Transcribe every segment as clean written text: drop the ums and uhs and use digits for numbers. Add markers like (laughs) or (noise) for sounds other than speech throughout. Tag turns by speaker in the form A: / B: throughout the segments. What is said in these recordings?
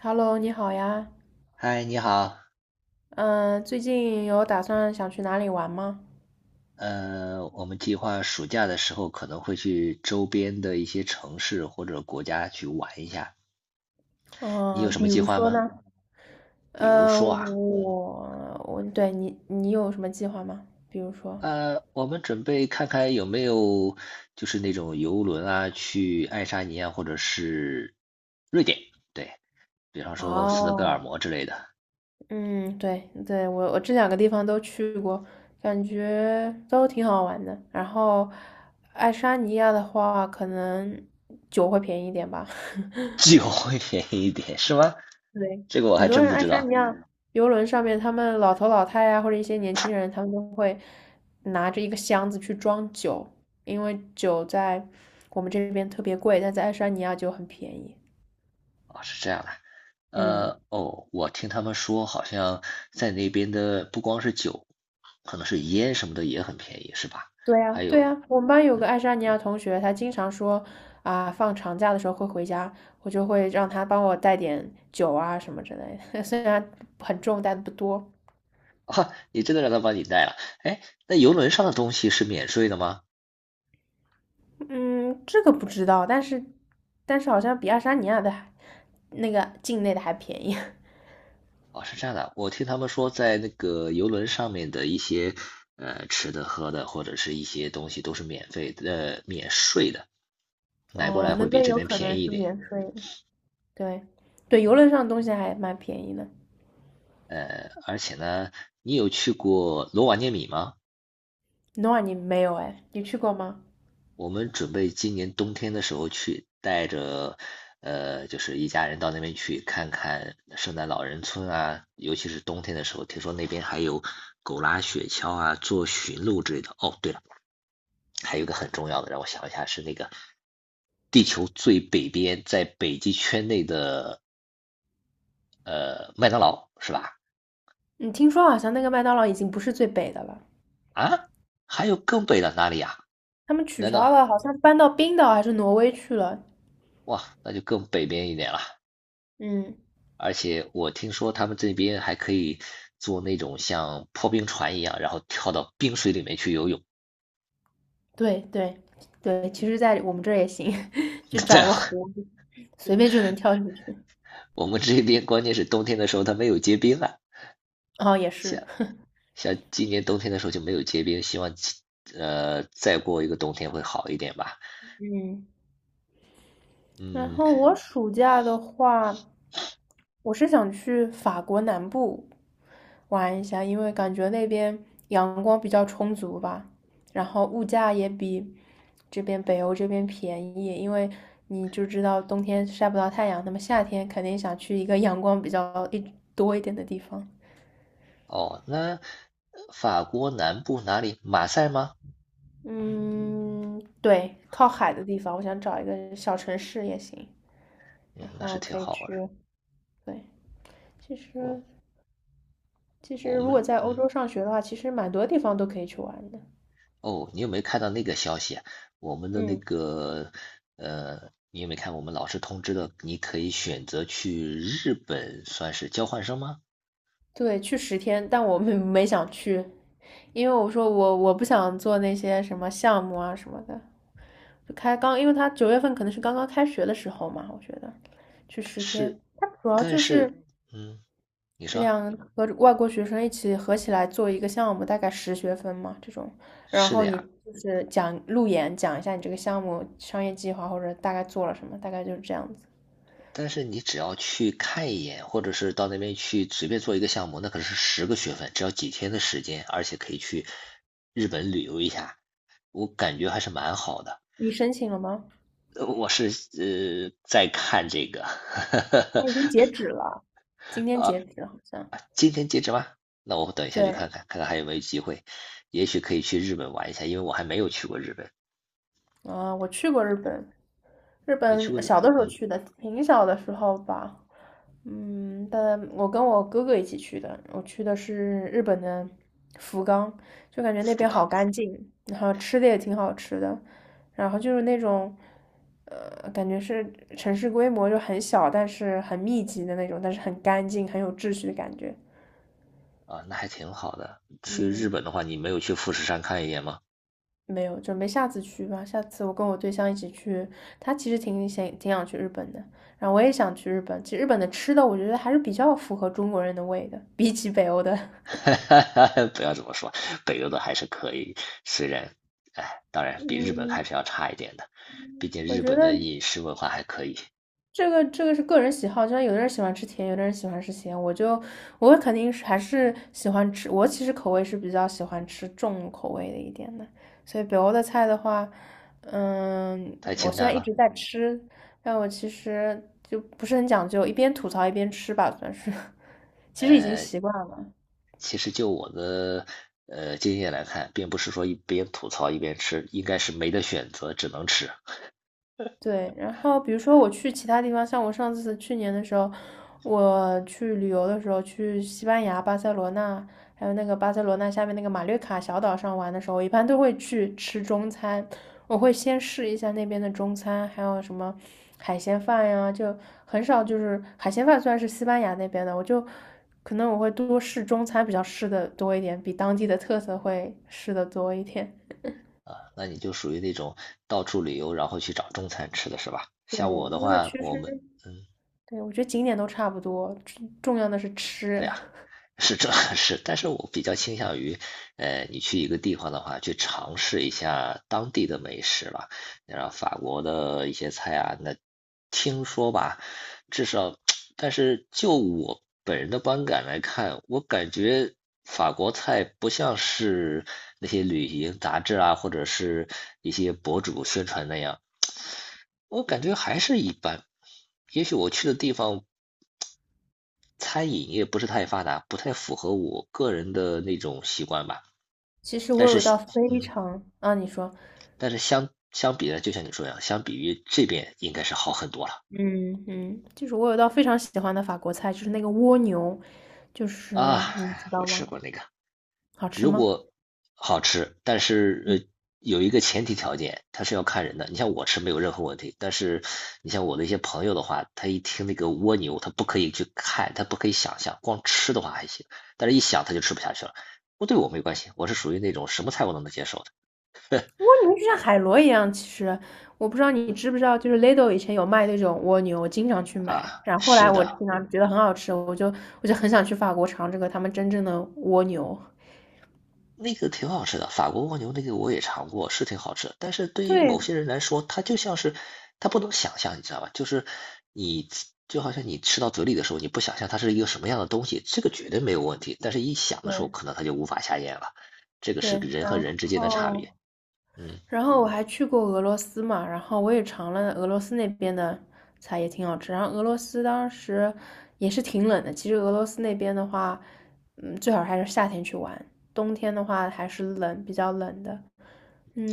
A: Hello，你好呀。
B: 嗨，你好，
A: 嗯，最近有打算想去哪里玩吗？
B: 我们计划暑假的时候可能会去周边的一些城市或者国家去玩一下，你有
A: 嗯，
B: 什
A: 比
B: 么计
A: 如
B: 划
A: 说
B: 吗？
A: 呢？
B: 比如
A: 嗯，
B: 说啊，
A: 我我对你，你有什么计划吗？比如说？
B: 我们准备看看有没有就是那种游轮啊，去爱沙尼亚或者是瑞典，对，比方说斯德哥尔
A: 哦，
B: 摩之类的。
A: 嗯，对对，我这两个地方都去过，感觉都挺好玩的。然后，爱沙尼亚的话，可能酒会便宜一点吧。
B: (laughs) 既
A: (laughs)
B: 会便宜一点是吗？
A: 对，
B: 这个我
A: 很
B: 还
A: 多
B: 真
A: 人
B: 不
A: 爱
B: 知
A: 沙
B: 道。
A: 尼亚游轮上面，他们老头老太呀、或者一些年轻人，他们都会拿着一个箱子去装酒，因为酒在我们这边特别贵，但在爱沙尼亚就很便宜。
B: 哦，是这样的。
A: 嗯，
B: 哦，我听他们说，好像在那边的不光是酒，可能是烟什么的也很便宜，是吧？
A: 对呀，
B: 还
A: 对
B: 有，
A: 呀，我们班有个爱沙尼亚同学，他经常说啊，放长假的时候会回家，我就会让他帮我带点酒啊什么之类的，(laughs) 虽然很重，但不多。
B: 啊，你真的让他帮你带了？哎，那游轮上的东西是免税的吗？
A: 嗯，这个不知道，但是好像比爱沙尼亚的还。那个境内的还便宜。(laughs)
B: 哦，是这样的，我听他们说，在那个游轮上面的一些吃的、喝的，或者是一些东西都是免费的、免税的，买过
A: 哦，
B: 来
A: 那
B: 会比
A: 那
B: 这
A: 有
B: 边
A: 可能
B: 便宜一
A: 是
B: 点。
A: 免税的。对，对，游轮上的东西还蛮便宜的。
B: 而且呢，你有去过罗瓦涅米吗？
A: Noah，你没有哎？你去过吗？
B: 我们准备今年冬天的时候去，带着就是一家人到那边去看看圣诞老人村啊，尤其是冬天的时候，听说那边还有狗拉雪橇啊、做驯鹿之类的。哦，对了，还有一个很重要的，让我想一下，是那个地球最北边，在北极圈内的麦当劳是吧？
A: 你听说好像那个麦当劳已经不是最北的了，
B: 啊，还有更北的哪里呀、
A: 他们取
B: 难道
A: 消了，好像搬到冰岛还是挪威去了。
B: 哇，那就更北边一点了。
A: 嗯，
B: 而且我听说他们这边还可以做那种像破冰船一样，然后跳到冰水里面去游泳。
A: 对对对，其实，在我们这儿也行，(laughs) 就
B: (laughs)
A: 找
B: 在
A: 个湖，随便就能跳进去。
B: 我们这边，关键是冬天的时候它没有结冰啊，
A: 哦，也是。
B: 像像今年冬天的时候就没有结冰，希望再过一个冬天会好一点吧。
A: 嗯，然
B: 嗯，
A: 后我暑假的话，我是想去法国南部玩一下，因为感觉那边阳光比较充足吧，然后物价也比这边北欧这边便宜，因为你就知道冬天晒不到太阳，那么夏天肯定想去一个阳光比较多一点的地方。
B: 哦，那法国南部哪里？马赛吗？
A: 嗯，对，靠海的地方，我想找一个小城市也行，
B: 嗯，
A: 然
B: 那是
A: 后
B: 挺
A: 可以
B: 好玩的。
A: 去。对，其
B: 我哦
A: 实
B: 我
A: 如果
B: 们
A: 在欧洲上学的话，其实蛮多地方都可以去玩的。
B: 哦，你有没有看到那个消息啊？我们的那
A: 嗯。
B: 个，你有没有看我们老师通知的？你可以选择去日本算是交换生吗？
A: 对，去十天，但我没 (laughs) 没想去，因为我说我不想做那些什么项目啊什么的，就开刚，因为他九月份可能是刚刚开学的时候嘛，我觉得去
B: 但
A: 十天，
B: 是，
A: 他主要
B: 但
A: 就是
B: 是，嗯，你说，
A: 两和外国学生一起合起来做一个项目，大概十学分嘛这种，然
B: 是
A: 后
B: 的
A: 你
B: 呀，
A: 就是讲路演，讲一下你这个项目商业计划或者大概做了什么，大概就是这样子。
B: 但是你只要去看一眼，或者是到那边去随便做一个项目，那可是十个学分，只要几天的时间，而且可以去日本旅游一下，我感觉还是蛮好的。
A: 你申请了吗？
B: 我是在看这个。
A: 他已经截止了，今
B: (laughs)
A: 天
B: 啊
A: 截止好像。
B: 今天截止吗？那我等一下去看
A: 对，
B: 看，看看还有没有机会，也许可以去日本玩一下，因为我还没有去过日本。
A: 啊，我去过日本，日
B: 你去过
A: 本
B: 日本？
A: 小的时候
B: 嗯，
A: 去的，挺小的时候吧。嗯，但我跟我哥哥一起去的，我去的是日本的福冈，就感觉那
B: 福
A: 边好
B: 冈
A: 干净，然后吃的也挺好吃的，然后就是那种，感觉是城市规模就很小，但是很密集的那种，但是很干净，很有秩序的感觉。
B: 啊，那还挺好的。去日
A: 嗯，
B: 本的话，你没有去富士山看一眼吗？
A: 没有，准备下次去吧。下次我跟我对象一起去，他其实挺想去日本的，然后我也想去日本。其实日本的吃的，我觉得还是比较符合中国人的胃的，比起北欧的，
B: (laughs) 不要这么说，北欧的还是可以，虽然，哎，当
A: (laughs)
B: 然比日本还
A: 嗯，
B: 是要差一点的，毕竟
A: 我
B: 日
A: 觉
B: 本的
A: 得
B: 饮食文化还可以，
A: 这个是个人喜好，就像有的人喜欢吃甜，有的人喜欢吃咸。我肯定是还是喜欢吃，我其实口味是比较喜欢吃重口味的一点的。所以北欧的菜的话，嗯，
B: 太
A: 我
B: 清
A: 虽
B: 淡
A: 然一
B: 了。
A: 直在吃，但我其实就不是很讲究，一边吐槽一边吃吧，算是，(laughs) 其实已经
B: 呃，
A: 习惯了。
B: 其实就我的经验来看，并不是说一边吐槽一边吃，应该是没得选择，只能吃。
A: 对，然后比如说我去其他地方，像我上次去年的时候，我去旅游的时候，去西班牙巴塞罗那，还有那个巴塞罗那下面那个马略卡小岛上玩的时候，我一般都会去吃中餐，我会先试一下那边的中餐，还有什么海鲜饭呀，就很少就是海鲜饭虽然是西班牙那边的，我就可能我会多试中餐，比较试的多一点，比当地的特色会试的多一点。
B: 啊，那你就属于那种到处旅游，然后去找中餐吃的是吧？
A: 对，
B: 像我的
A: 因为其
B: 话，我们，
A: 实
B: 嗯，
A: 对，我觉得景点都差不多，重要的是
B: 对
A: 吃。
B: 呀，是这 (laughs) 是，但是我比较倾向于，你去一个地方的话，去尝试一下当地的美食吧。然后法国的一些菜啊，那听说吧，至少，(tsk) 但是就我本人的观感来看，我感觉法国菜不像是那些旅行杂志啊，或者是一些博主宣传那样。我感觉还是一般。也许我去的地方餐饮业不是太发达，不太符合我个人的那种习惯吧。
A: 其实
B: 但
A: 我有
B: 是，
A: 一道非
B: 嗯，
A: 常啊，你说，
B: 但是相比呢，就像你说一样，相比于这边应该是好很多了
A: 嗯嗯，就是我有一道非常喜欢的法国菜，就是那个蜗牛，就
B: 啊。
A: 是你知
B: 我
A: 道
B: 吃
A: 吗？
B: 过那个，
A: 好吃
B: 如
A: 吗？
B: 果好吃，但是
A: 嗯，
B: 有一个前提条件，它是要看人的。你像我吃没有任何问题，但是你像我的一些朋友的话，他一听那个蜗牛，他不可以去看，他不可以想象，光吃的话还行，但是一想他就吃不下去了。不，对我没关系，我是属于那种什么菜我都能接受的
A: 蜗牛就像海螺一样，其实我不知道你知不知道，就是 Lidl 以前有卖那种蜗牛，我经常去买。
B: 啊。
A: 然后后
B: 是
A: 来我经
B: 的，
A: 常觉得很好吃，我就很想去法国尝这个他们真正的蜗牛。
B: 那个挺好吃的，法国蜗牛那个我也尝过，是挺好吃。但是对于某
A: 对
B: 些人来说，它就像是他不能想象，你知道吧？就是你就好像你吃到嘴里的时候，你不想象它是一个什么样的东西，这个绝对没有问题。但是一想的时候，
A: 对
B: 可能它就无法下咽了。这个是
A: 对，
B: 人和
A: 然
B: 人之间的差
A: 后。
B: 别。嗯，
A: 然后我还去过俄罗斯嘛，然后我也尝了俄罗斯那边的菜，也挺好吃。然后俄罗斯当时也是挺冷的，其实俄罗斯那边的话，嗯，最好还是夏天去玩，冬天的话还是冷，比较冷的。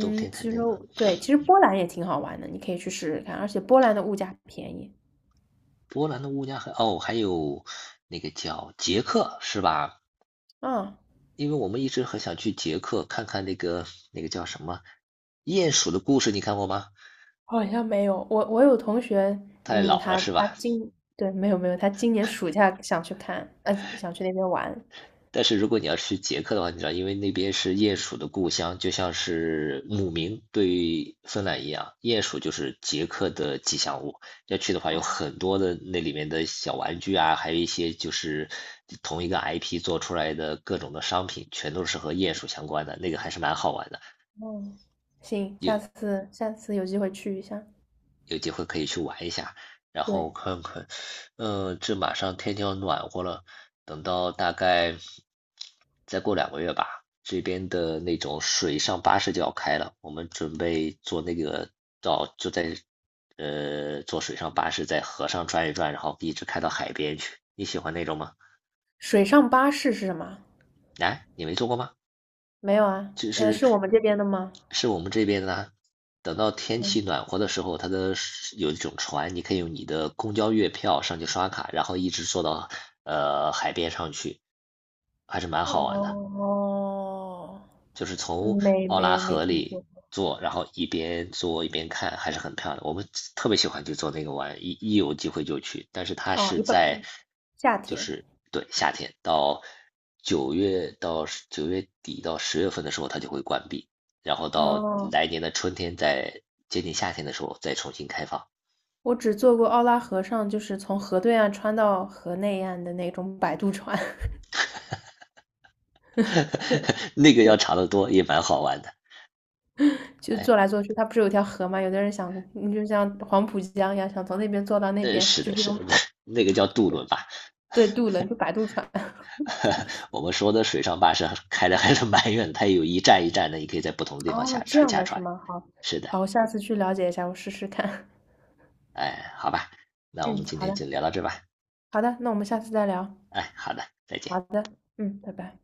B: 冬天肯
A: 其
B: 定
A: 实
B: 的。
A: 我对，其实波兰也挺好玩的，你可以去试试看，而且波兰的物价便宜。
B: 波兰的乌鸦很哦，还有那个叫捷克是吧？
A: 啊，
B: 因为我们一直很想去捷克看看那个叫什么鼹鼠的故事，你看过吗？
A: 好像没有，我有同学，
B: 太
A: 嗯，
B: 老了
A: 他
B: 是
A: 他
B: 吧？
A: 今，对，没有没有，他今年暑假想去看，想去那边玩。
B: 但是如果你要去捷克的话，你知道，因为那边是鼹鼠的故乡，就像是姆明对芬兰一样，鼹鼠就是捷克的吉祥物。要去的话，有很多的那里面的小玩具啊，还有一些就是同一个 IP 做出来的各种的商品，全都是和鼹鼠相关的，那个还是蛮好玩的。
A: 嗯，行，下次有机会去一下。
B: 有机会可以去玩一下，然后
A: 对，
B: 看看，嗯，这马上天就要暖和了，等到大概再过两个月吧，这边的那种水上巴士就要开了，我们准备坐那个到，就在坐水上巴士在河上转一转，然后一直开到海边去。你喜欢那种吗？
A: 水上巴士是什么？
B: 哎，你没坐过吗？
A: 没有啊，
B: 就是
A: 是我们这边的吗？
B: 是我们这边呢，等到天气
A: 嗯，
B: 暖和的时候，它的是有一种船，你可以用你的公交月票上去刷卡，然后一直坐到海边上去，还是蛮好玩的。
A: 哦，
B: 就是从奥拉
A: 没
B: 河
A: 听说
B: 里
A: 过。
B: 坐，然后一边坐一边看，还是很漂亮。我们特别喜欢去坐那个玩，一有机会就去。但是它
A: 哦，
B: 是
A: 一
B: 在，
A: 般夏
B: 就
A: 天。
B: 是对夏天到九月到九月底到十月份的时候，它就会关闭，然后到
A: 哦，
B: 来年的春天再接近夏天的时候再重新开放。
A: 我只坐过奥拉河上，就是从河对岸穿到河内岸的那种摆渡船，
B: (laughs) 那个要长得多，也蛮好玩的。
A: (laughs) 就
B: 哎，
A: 坐来坐去。它不是有条河吗？有的人想，你就像黄浦江一样，想从那边坐到那边，
B: 是
A: 就
B: 的，
A: 这
B: 是的，
A: 种
B: 那个叫渡轮吧。
A: 对渡轮，就摆渡船。
B: (laughs) 我们说的水上巴士开的还是蛮远的，它有一站一站的，你可以在不同的地方下
A: 哦，这
B: 船
A: 样
B: 下
A: 的是
B: 船。
A: 吗？好，
B: 是的，
A: 好，我下次去了解一下，我试试看。
B: 哎，好吧，
A: (laughs)
B: 那我
A: 嗯，
B: 们今
A: 好
B: 天
A: 的，
B: 就聊到这吧。
A: 好的，那我们下次再聊。
B: 哎，好的，再见。
A: 好的，嗯，拜拜。